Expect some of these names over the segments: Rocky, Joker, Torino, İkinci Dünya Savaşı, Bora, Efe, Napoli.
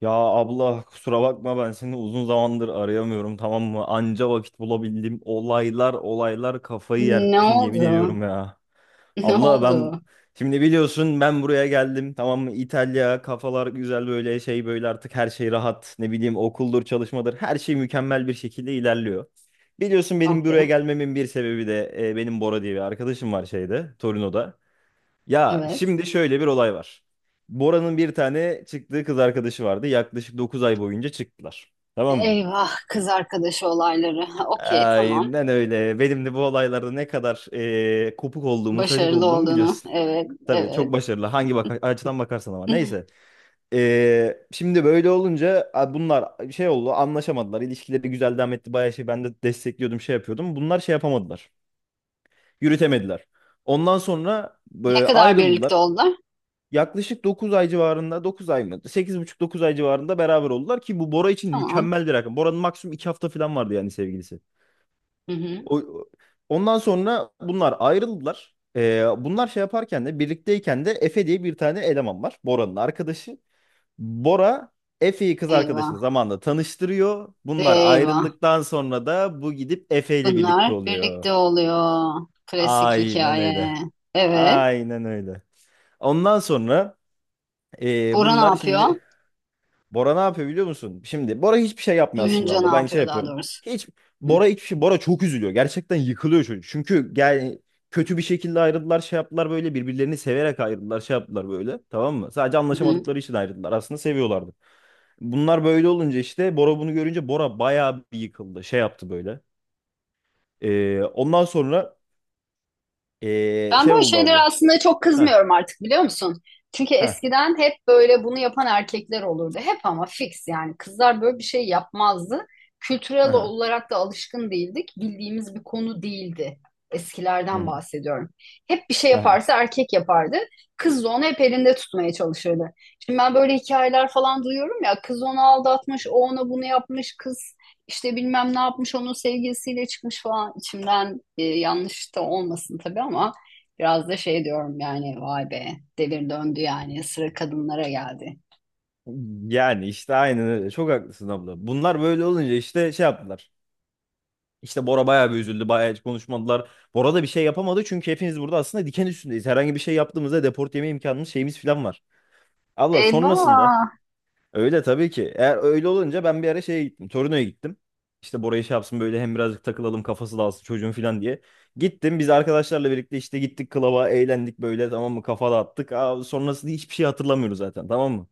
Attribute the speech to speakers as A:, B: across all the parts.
A: Ya abla kusura bakma ben seni uzun zamandır arayamıyorum tamam mı? Anca vakit bulabildim. Olaylar olaylar kafayı
B: Ne
A: yersin yemin
B: oldu?
A: ediyorum ya.
B: Ne
A: Abla ben
B: oldu?
A: şimdi biliyorsun ben buraya geldim tamam mı? İtalya kafalar güzel böyle şey böyle artık her şey rahat. Ne bileyim okuldur çalışmadır her şey mükemmel bir şekilde ilerliyor. Biliyorsun benim buraya
B: Okey,
A: gelmemin bir sebebi de benim Bora diye bir arkadaşım var şeyde Torino'da. Ya
B: evet.
A: şimdi şöyle bir olay var. Bora'nın bir tane çıktığı kız arkadaşı vardı. Yaklaşık 9 ay boyunca çıktılar. Tamam mı?
B: Eyvah, kız arkadaşı olayları. Okey, tamam.
A: Aynen öyle. Benim de bu olaylarda ne kadar kopuk olduğumu, sacık
B: Başarılı
A: olduğumu
B: olduğunu.
A: biliyorsun.
B: Evet,
A: Tabii çok
B: evet.
A: başarılı. Hangi açıdan bakarsan ama. Neyse. Şimdi böyle olunca bunlar şey oldu, anlaşamadılar. İlişkileri güzel devam etti. Bayağı şey, ben de destekliyordum, şey yapıyordum. Bunlar şey yapamadılar. Yürütemediler. Ondan sonra
B: Ne kadar birlikte
A: ayrıldılar.
B: oldular?
A: Yaklaşık 9 ay civarında, 9 ay mı? 8,5-9 ay civarında beraber oldular ki bu Bora için
B: Tamam.
A: mükemmel bir rakam. Bora'nın maksimum 2 hafta falan vardı yani sevgilisi.
B: Hı hı.
A: O, ondan sonra bunlar ayrıldılar. Bunlar şey yaparken de, birlikteyken de Efe diye bir tane eleman var. Bora'nın arkadaşı. Bora Efe'yi kız
B: Eyvah,
A: arkadaşını zamanla tanıştırıyor. Bunlar
B: eyvah.
A: ayrıldıktan sonra da bu gidip Efe ile birlikte
B: Bunlar
A: oluyor.
B: birlikte oluyor. Klasik
A: Aynen
B: hikaye.
A: öyle.
B: Evet.
A: Aynen öyle. Ondan sonra
B: Bora ne
A: bunlar
B: yapıyor?
A: şimdi Bora ne yapıyor biliyor musun? Şimdi Bora hiçbir şey yapmıyor aslında
B: Duyunca ne
A: abla. Ben şey
B: yapıyor daha
A: yapıyorum.
B: doğrusu?
A: Hiç,
B: Hı
A: Bora hiçbir şey. Bora çok üzülüyor. Gerçekten yıkılıyor çocuk. Çünkü yani kötü bir şekilde ayrıldılar, şey yaptılar böyle, birbirlerini severek ayrıldılar, şey yaptılar böyle. Tamam mı? Sadece
B: hı.
A: anlaşamadıkları için ayrıldılar. Aslında seviyorlardı. Bunlar böyle olunca işte Bora bunu görünce Bora bayağı bir yıkıldı. Şey yaptı böyle. Ondan sonra
B: Ben
A: şey
B: böyle
A: oldu
B: şeylere
A: abla.
B: aslında çok
A: Ha,
B: kızmıyorum artık biliyor musun? Çünkü
A: ha,
B: eskiden hep böyle bunu yapan erkekler olurdu. Hep ama fix yani kızlar böyle bir şey yapmazdı. Kültürel
A: ha,
B: olarak da alışkın değildik. Bildiğimiz bir konu değildi. Eskilerden bahsediyorum. Hep bir şey
A: ha.
B: yaparsa erkek yapardı. Kız da onu hep elinde tutmaya çalışırdı. Şimdi ben böyle hikayeler falan duyuyorum ya. Kız onu aldatmış, o ona bunu yapmış. Kız işte bilmem ne yapmış, onun sevgilisiyle çıkmış falan. İçimden yanlış da olmasın tabii ama. Biraz da şey diyorum yani vay be, devir döndü yani sıra kadınlara geldi.
A: Yani işte aynen öyle. Çok haklısın abla. Bunlar böyle olunca işte şey yaptılar. İşte Bora bayağı bir üzüldü. Bayağı hiç konuşmadılar. Bora da bir şey yapamadı çünkü hepimiz burada aslında diken üstündeyiz. Herhangi bir şey yaptığımızda deport yeme imkanımız, şeyimiz falan var. Allah sonrasında
B: Eyvah.
A: öyle tabii ki. Eğer öyle olunca ben bir ara şeye gittim. Torino'ya gittim. İşte Bora'yı şey yapsın böyle, hem birazcık takılalım, kafası dağılsın çocuğun falan diye. Gittim, biz arkadaşlarla birlikte işte gittik klaba, eğlendik böyle tamam mı, kafa dağıttık. Sonrasında hiçbir şey hatırlamıyoruz zaten tamam mı?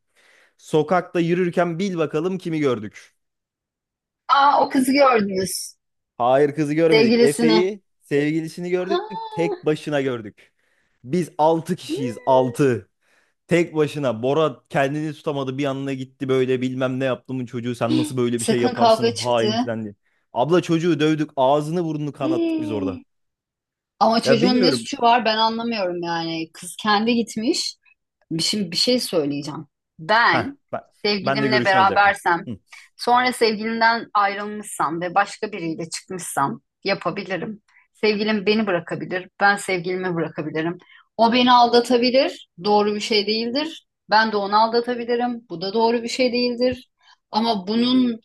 A: Sokakta yürürken bil bakalım kimi gördük.
B: Aa, o kızı gördünüz.
A: Hayır, kızı görmedik.
B: Sevgilisini.
A: Efe'yi, sevgilisini
B: Ha,
A: gördük. Tek başına gördük. Biz 6 kişiyiz.
B: hmm,
A: 6. Tek başına. Bora kendini tutamadı, bir yanına gitti böyle, bilmem ne yaptımın çocuğu, sen nasıl böyle bir şey
B: sakın
A: yaparsın
B: kavga
A: hain
B: çıktı.
A: filan diye. Abla çocuğu dövdük, ağzını burnunu kanattık biz orada.
B: Hii. Ama
A: Ya
B: çocuğun ne
A: bilmiyorum.
B: suçu var ben anlamıyorum yani. Kız kendi gitmiş. Şimdi bir şey söyleyeceğim.
A: Heh,
B: Ben
A: ben, ben de
B: sevgilimle
A: görüşünü alacaktım.
B: berabersem,
A: Hı.
B: sonra sevgilimden ayrılmışsam ve başka biriyle çıkmışsam yapabilirim. Sevgilim beni bırakabilir, ben sevgilimi bırakabilirim. O beni aldatabilir, doğru bir şey değildir. Ben de onu aldatabilirim, bu da doğru bir şey değildir. Ama bunun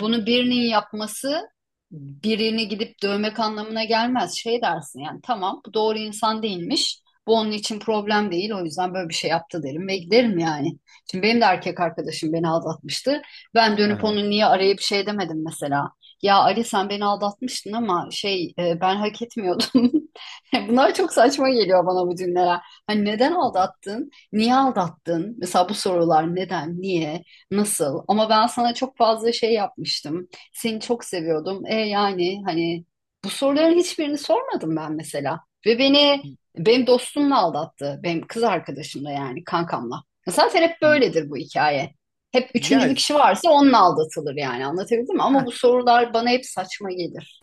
B: bunu birinin yapması birini gidip dövmek anlamına gelmez. Şey dersin yani tamam, bu doğru insan değilmiş. Bu onun için problem değil. O yüzden böyle bir şey yaptı derim ve giderim yani. Şimdi benim de erkek arkadaşım beni aldatmıştı. Ben dönüp
A: Hı.
B: onu niye arayıp şey demedim mesela. Ya Ali, sen beni aldatmıştın ama ben hak etmiyordum. Bunlar çok saçma geliyor bana bu cümleler. Hani neden
A: Y-
B: aldattın? Niye aldattın? Mesela bu sorular neden, niye, nasıl? Ama ben sana çok fazla şey yapmıştım. Seni çok seviyordum. E yani hani bu soruların hiçbirini sormadım ben mesela. Ve beni
A: y-
B: benim dostumla aldattı. Benim kız arkadaşımla yani kankamla. Zaten hep
A: y-
B: böyledir bu hikaye. Hep
A: Ya
B: üçüncü bir kişi varsa onunla aldatılır yani anlatabildim mi? Ama bu sorular bana hep saçma gelir.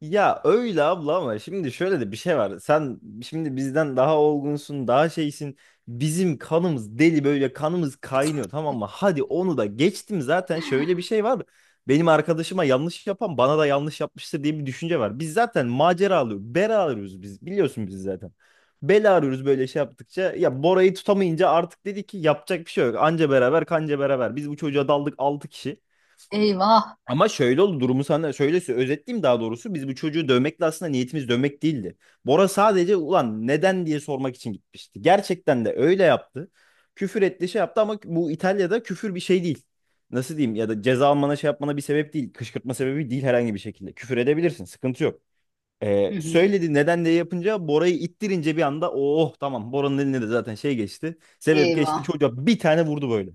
A: Ya öyle abla ama şimdi şöyle de bir şey var. Sen şimdi bizden daha olgunsun, daha şeysin. Bizim kanımız deli, böyle kanımız kaynıyor tamam mı? Hadi onu da geçtim, zaten şöyle bir şey var. Benim arkadaşıma yanlış yapan bana da yanlış yapmıştır diye bir düşünce var. Biz zaten macera alıyoruz, bela arıyoruz biz. Biliyorsun biz zaten. Bela arıyoruz böyle şey yaptıkça. Ya Bora'yı tutamayınca artık dedi ki yapacak bir şey yok. Anca beraber, kanca beraber. Biz bu çocuğa daldık 6 kişi.
B: Eyvah.
A: Ama şöyle oldu, durumu sana şöyle özetleyeyim daha doğrusu. Biz bu çocuğu dövmekle, aslında niyetimiz dövmek değildi. Bora sadece ulan neden diye sormak için gitmişti. Gerçekten de öyle yaptı. Küfür etti, şey yaptı ama bu İtalya'da küfür bir şey değil. Nasıl diyeyim, ya da ceza almana, şey yapmana bir sebep değil. Kışkırtma sebebi değil herhangi bir şekilde. Küfür edebilirsin, sıkıntı yok.
B: Hı hı.
A: Söyledi neden diye, yapınca, Bora'yı ittirince bir anda oh tamam, Bora'nın eline de zaten şey geçti. Sebep geçti,
B: Eyvah.
A: çocuğa bir tane vurdu böyle.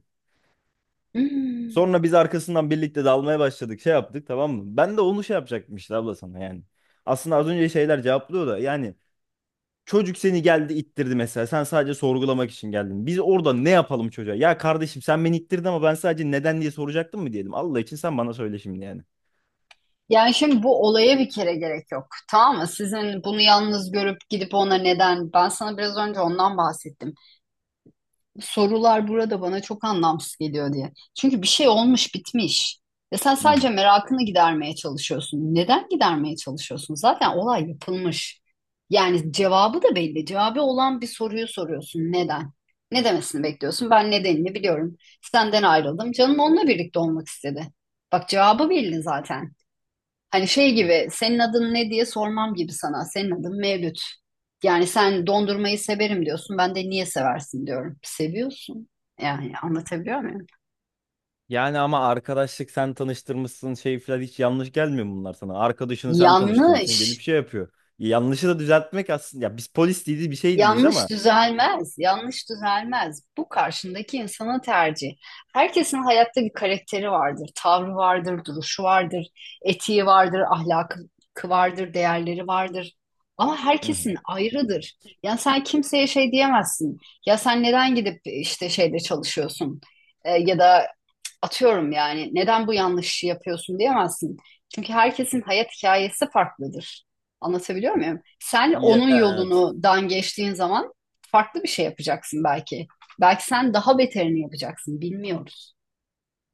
B: Hmm.
A: Sonra biz arkasından birlikte dalmaya başladık. Şey yaptık tamam mı? Ben de onu şey yapacaktım işte abla sana yani. Aslında az önce şeyler cevaplıyor da yani, çocuk seni geldi ittirdi mesela. Sen sadece sorgulamak için geldin. Biz orada ne yapalım çocuğa? Ya kardeşim, sen beni ittirdin ama ben sadece neden diye soracaktım mı diyelim. Allah için sen bana söyle şimdi yani.
B: Yani şimdi bu olaya bir kere gerek yok. Tamam mı? Sizin bunu yalnız görüp gidip ona neden? Ben sana biraz önce ondan bahsettim. Sorular burada bana çok anlamsız geliyor diye. Çünkü bir şey olmuş bitmiş. Ve sen
A: Hı
B: sadece
A: hı.
B: merakını gidermeye çalışıyorsun. Neden gidermeye çalışıyorsun? Zaten olay yapılmış. Yani cevabı da belli. Cevabı olan bir soruyu soruyorsun. Neden? Ne demesini bekliyorsun? Ben nedenini biliyorum. Senden ayrıldım. Canım onunla birlikte olmak istedi. Bak cevabı belli zaten. Hani şey gibi, senin adın ne diye sormam gibi sana. Senin adın Mevlüt. Yani sen dondurmayı severim diyorsun. Ben de niye seversin diyorum. Seviyorsun. Yani anlatabiliyor muyum?
A: Yani ama arkadaşlık, sen tanıştırmışsın, şey falan hiç yanlış gelmiyor mu bunlar sana. Arkadaşını sen tanıştırmışsın, gelip
B: Yanlış.
A: şey yapıyor. Yanlışı da düzeltmek aslında, ya biz polis değiliz, bir şey değiliz
B: Yanlış
A: ama.
B: düzelmez, yanlış düzelmez. Bu karşındaki insanın tercihi. Herkesin hayatta bir karakteri vardır, tavrı vardır, duruşu vardır, etiği vardır, ahlakı vardır, değerleri vardır. Ama
A: Hı hı.
B: herkesin ayrıdır. Yani sen kimseye şey diyemezsin. Ya sen neden gidip işte şeyde çalışıyorsun? Ya da atıyorum yani neden bu yanlışı yapıyorsun diyemezsin. Çünkü herkesin hayat hikayesi farklıdır. Anlatabiliyor muyum? Sen
A: Yani
B: onun
A: evet.
B: yolunu dan geçtiğin zaman farklı bir şey yapacaksın belki. Belki sen daha beterini yapacaksın, bilmiyoruz.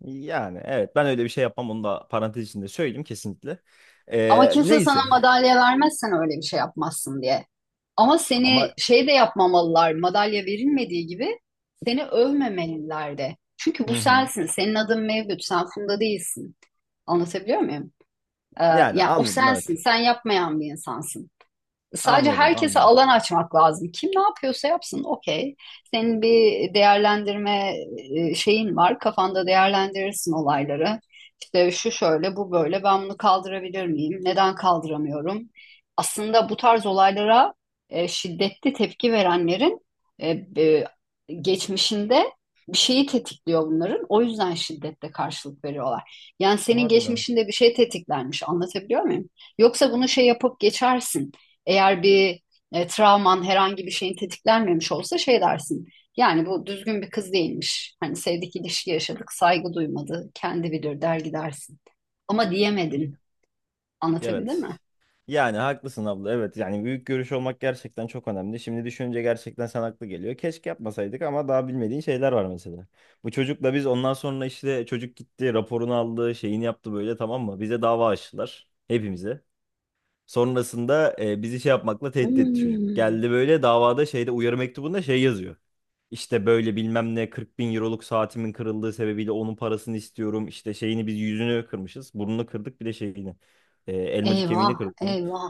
A: Yani evet, ben öyle bir şey yapmam, onu da parantez içinde söyleyeyim kesinlikle.
B: Ama kimse sana
A: Neyse
B: madalya vermezsen öyle bir şey yapmazsın diye. Ama
A: ama.
B: seni şey de yapmamalılar, madalya verilmediği gibi seni övmemeliler de. Çünkü bu
A: Hı hı.
B: sensin, senin adın Mevlüt, sen Funda değilsin. Anlatabiliyor muyum?
A: Yani
B: Ya o
A: anladım
B: sensin,
A: evet.
B: sen yapmayan bir insansın. Sadece
A: Anladım,
B: herkese
A: anladım.
B: alan açmak lazım. Kim ne yapıyorsa yapsın, okey. Senin bir şeyin var. Kafanda değerlendirirsin olayları. İşte şu şöyle, bu böyle. Ben bunu kaldırabilir miyim? Neden kaldıramıyorum? Aslında bu tarz olaylara şiddetli tepki verenlerin e, e, geçmişinde bir şeyi tetikliyor bunların. O yüzden şiddetle karşılık veriyorlar. Yani senin
A: Harbiden.
B: geçmişinde bir şey tetiklenmiş. Anlatabiliyor muyum? Yoksa bunu şey yapıp geçersin. Eğer bir travman herhangi bir şeyin tetiklenmemiş olsa şey dersin. Yani bu düzgün bir kız değilmiş. Hani sevdik ilişki yaşadık, saygı duymadı, kendi bilir der gidersin. Ama diyemedin. Anlatabilir
A: Evet.
B: mi?
A: Yani haklısın abla, evet, yani büyük görüş olmak gerçekten çok önemli. Şimdi düşününce gerçekten sen haklı geliyor. Keşke yapmasaydık ama daha bilmediğin şeyler var mesela. Bu çocukla biz ondan sonra, işte çocuk gitti raporunu aldı, şeyini yaptı böyle tamam mı? Bize dava açtılar, hepimize. Sonrasında bizi şey yapmakla tehdit etti çocuk.
B: Hmm,
A: Geldi böyle davada, şeyde, uyarı mektubunda şey yazıyor. İşte böyle bilmem ne, 40 bin euroluk saatimin kırıldığı sebebiyle onun parasını istiyorum. İşte şeyini biz, yüzünü kırmışız. Burnunu kırdık, bir de şeyini. Elmacık
B: eyvah,
A: kemiğini kırdık bunun.
B: eyvah.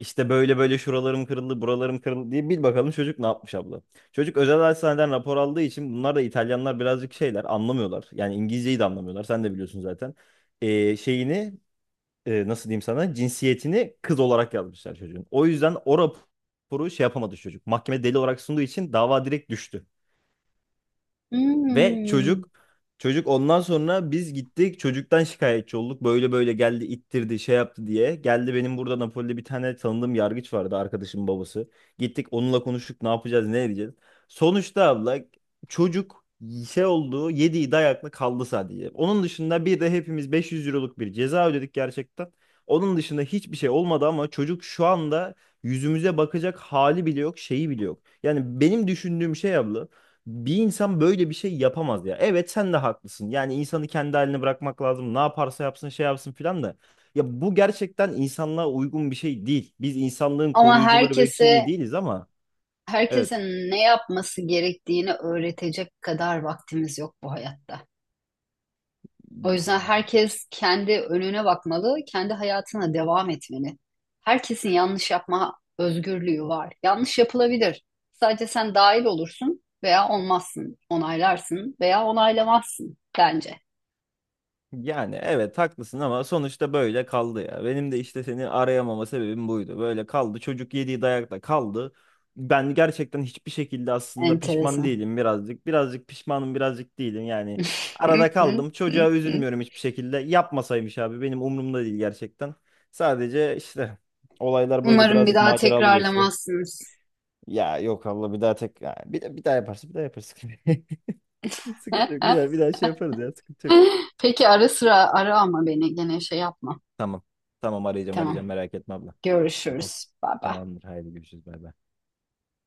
A: İşte böyle böyle şuralarım kırıldı, buralarım kırıldı diye, bil bakalım çocuk ne yapmış abla. Çocuk özel hastaneden rapor aldığı için, bunlar da İtalyanlar birazcık şeyler anlamıyorlar. Yani İngilizceyi de anlamıyorlar, sen de biliyorsun zaten şeyini nasıl diyeyim sana, cinsiyetini kız olarak yazmışlar çocuğun. O yüzden o raporu şey yapamadı çocuk. Mahkeme deli olarak sunduğu için dava direkt düştü. Ve
B: Hmm.
A: çocuk ondan sonra biz gittik çocuktan şikayetçi olduk. Böyle böyle geldi, ittirdi, şey yaptı diye. Geldi, benim burada Napoli'de bir tane tanıdığım yargıç vardı, arkadaşımın babası. Gittik onunla konuştuk, ne yapacağız, ne edeceğiz. Sonuçta abla çocuk şey oldu, yediği dayakla kaldı sadece. Onun dışında bir de hepimiz 500 euroluk bir ceza ödedik gerçekten. Onun dışında hiçbir şey olmadı ama çocuk şu anda yüzümüze bakacak hali bile yok, şeyi bile yok. Yani benim düşündüğüm şey abla, bir insan böyle bir şey yapamaz ya. Evet, sen de haklısın. Yani insanı kendi haline bırakmak lazım. Ne yaparsa yapsın, şey yapsın filan da. Ya bu gerçekten insanlığa uygun bir şey değil. Biz insanlığın
B: Ama
A: koruyucuları, bekçiliği
B: herkese,
A: değiliz ama evet.
B: herkese ne yapması gerektiğini öğretecek kadar vaktimiz yok bu hayatta. O yüzden herkes kendi önüne bakmalı, kendi hayatına devam etmeli. Herkesin yanlış yapma özgürlüğü var. Yanlış yapılabilir. Sadece sen dahil olursun veya olmazsın, onaylarsın veya onaylamazsın bence.
A: Yani evet, haklısın ama sonuçta böyle kaldı ya. Benim de işte seni arayamama sebebim buydu. Böyle kaldı. Çocuk yediği dayakla kaldı. Ben gerçekten hiçbir şekilde aslında pişman
B: Enteresan.
A: değilim birazcık. Birazcık pişmanım, birazcık değilim yani. Arada kaldım. Çocuğa üzülmüyorum hiçbir şekilde. Yapmasaymış abi, benim umurumda değil gerçekten. Sadece işte olaylar böyle
B: Umarım bir
A: birazcık
B: daha
A: maceralı geçti.
B: tekrarlamazsınız.
A: Ya yok Allah bir daha tek, ya bir daha yaparsa bir daha yaparız. Sıkıntı yok. Bir daha bir daha şey yaparız ya, sıkıntı yok.
B: Peki ara sıra ara ama beni gene şey yapma.
A: Tamam. Tamam, arayacağım,
B: Tamam.
A: arayacağım, merak etme abla. Tamam.
B: Görüşürüz. Bye bye.
A: Tamamdır. Haydi görüşürüz. Bay bay.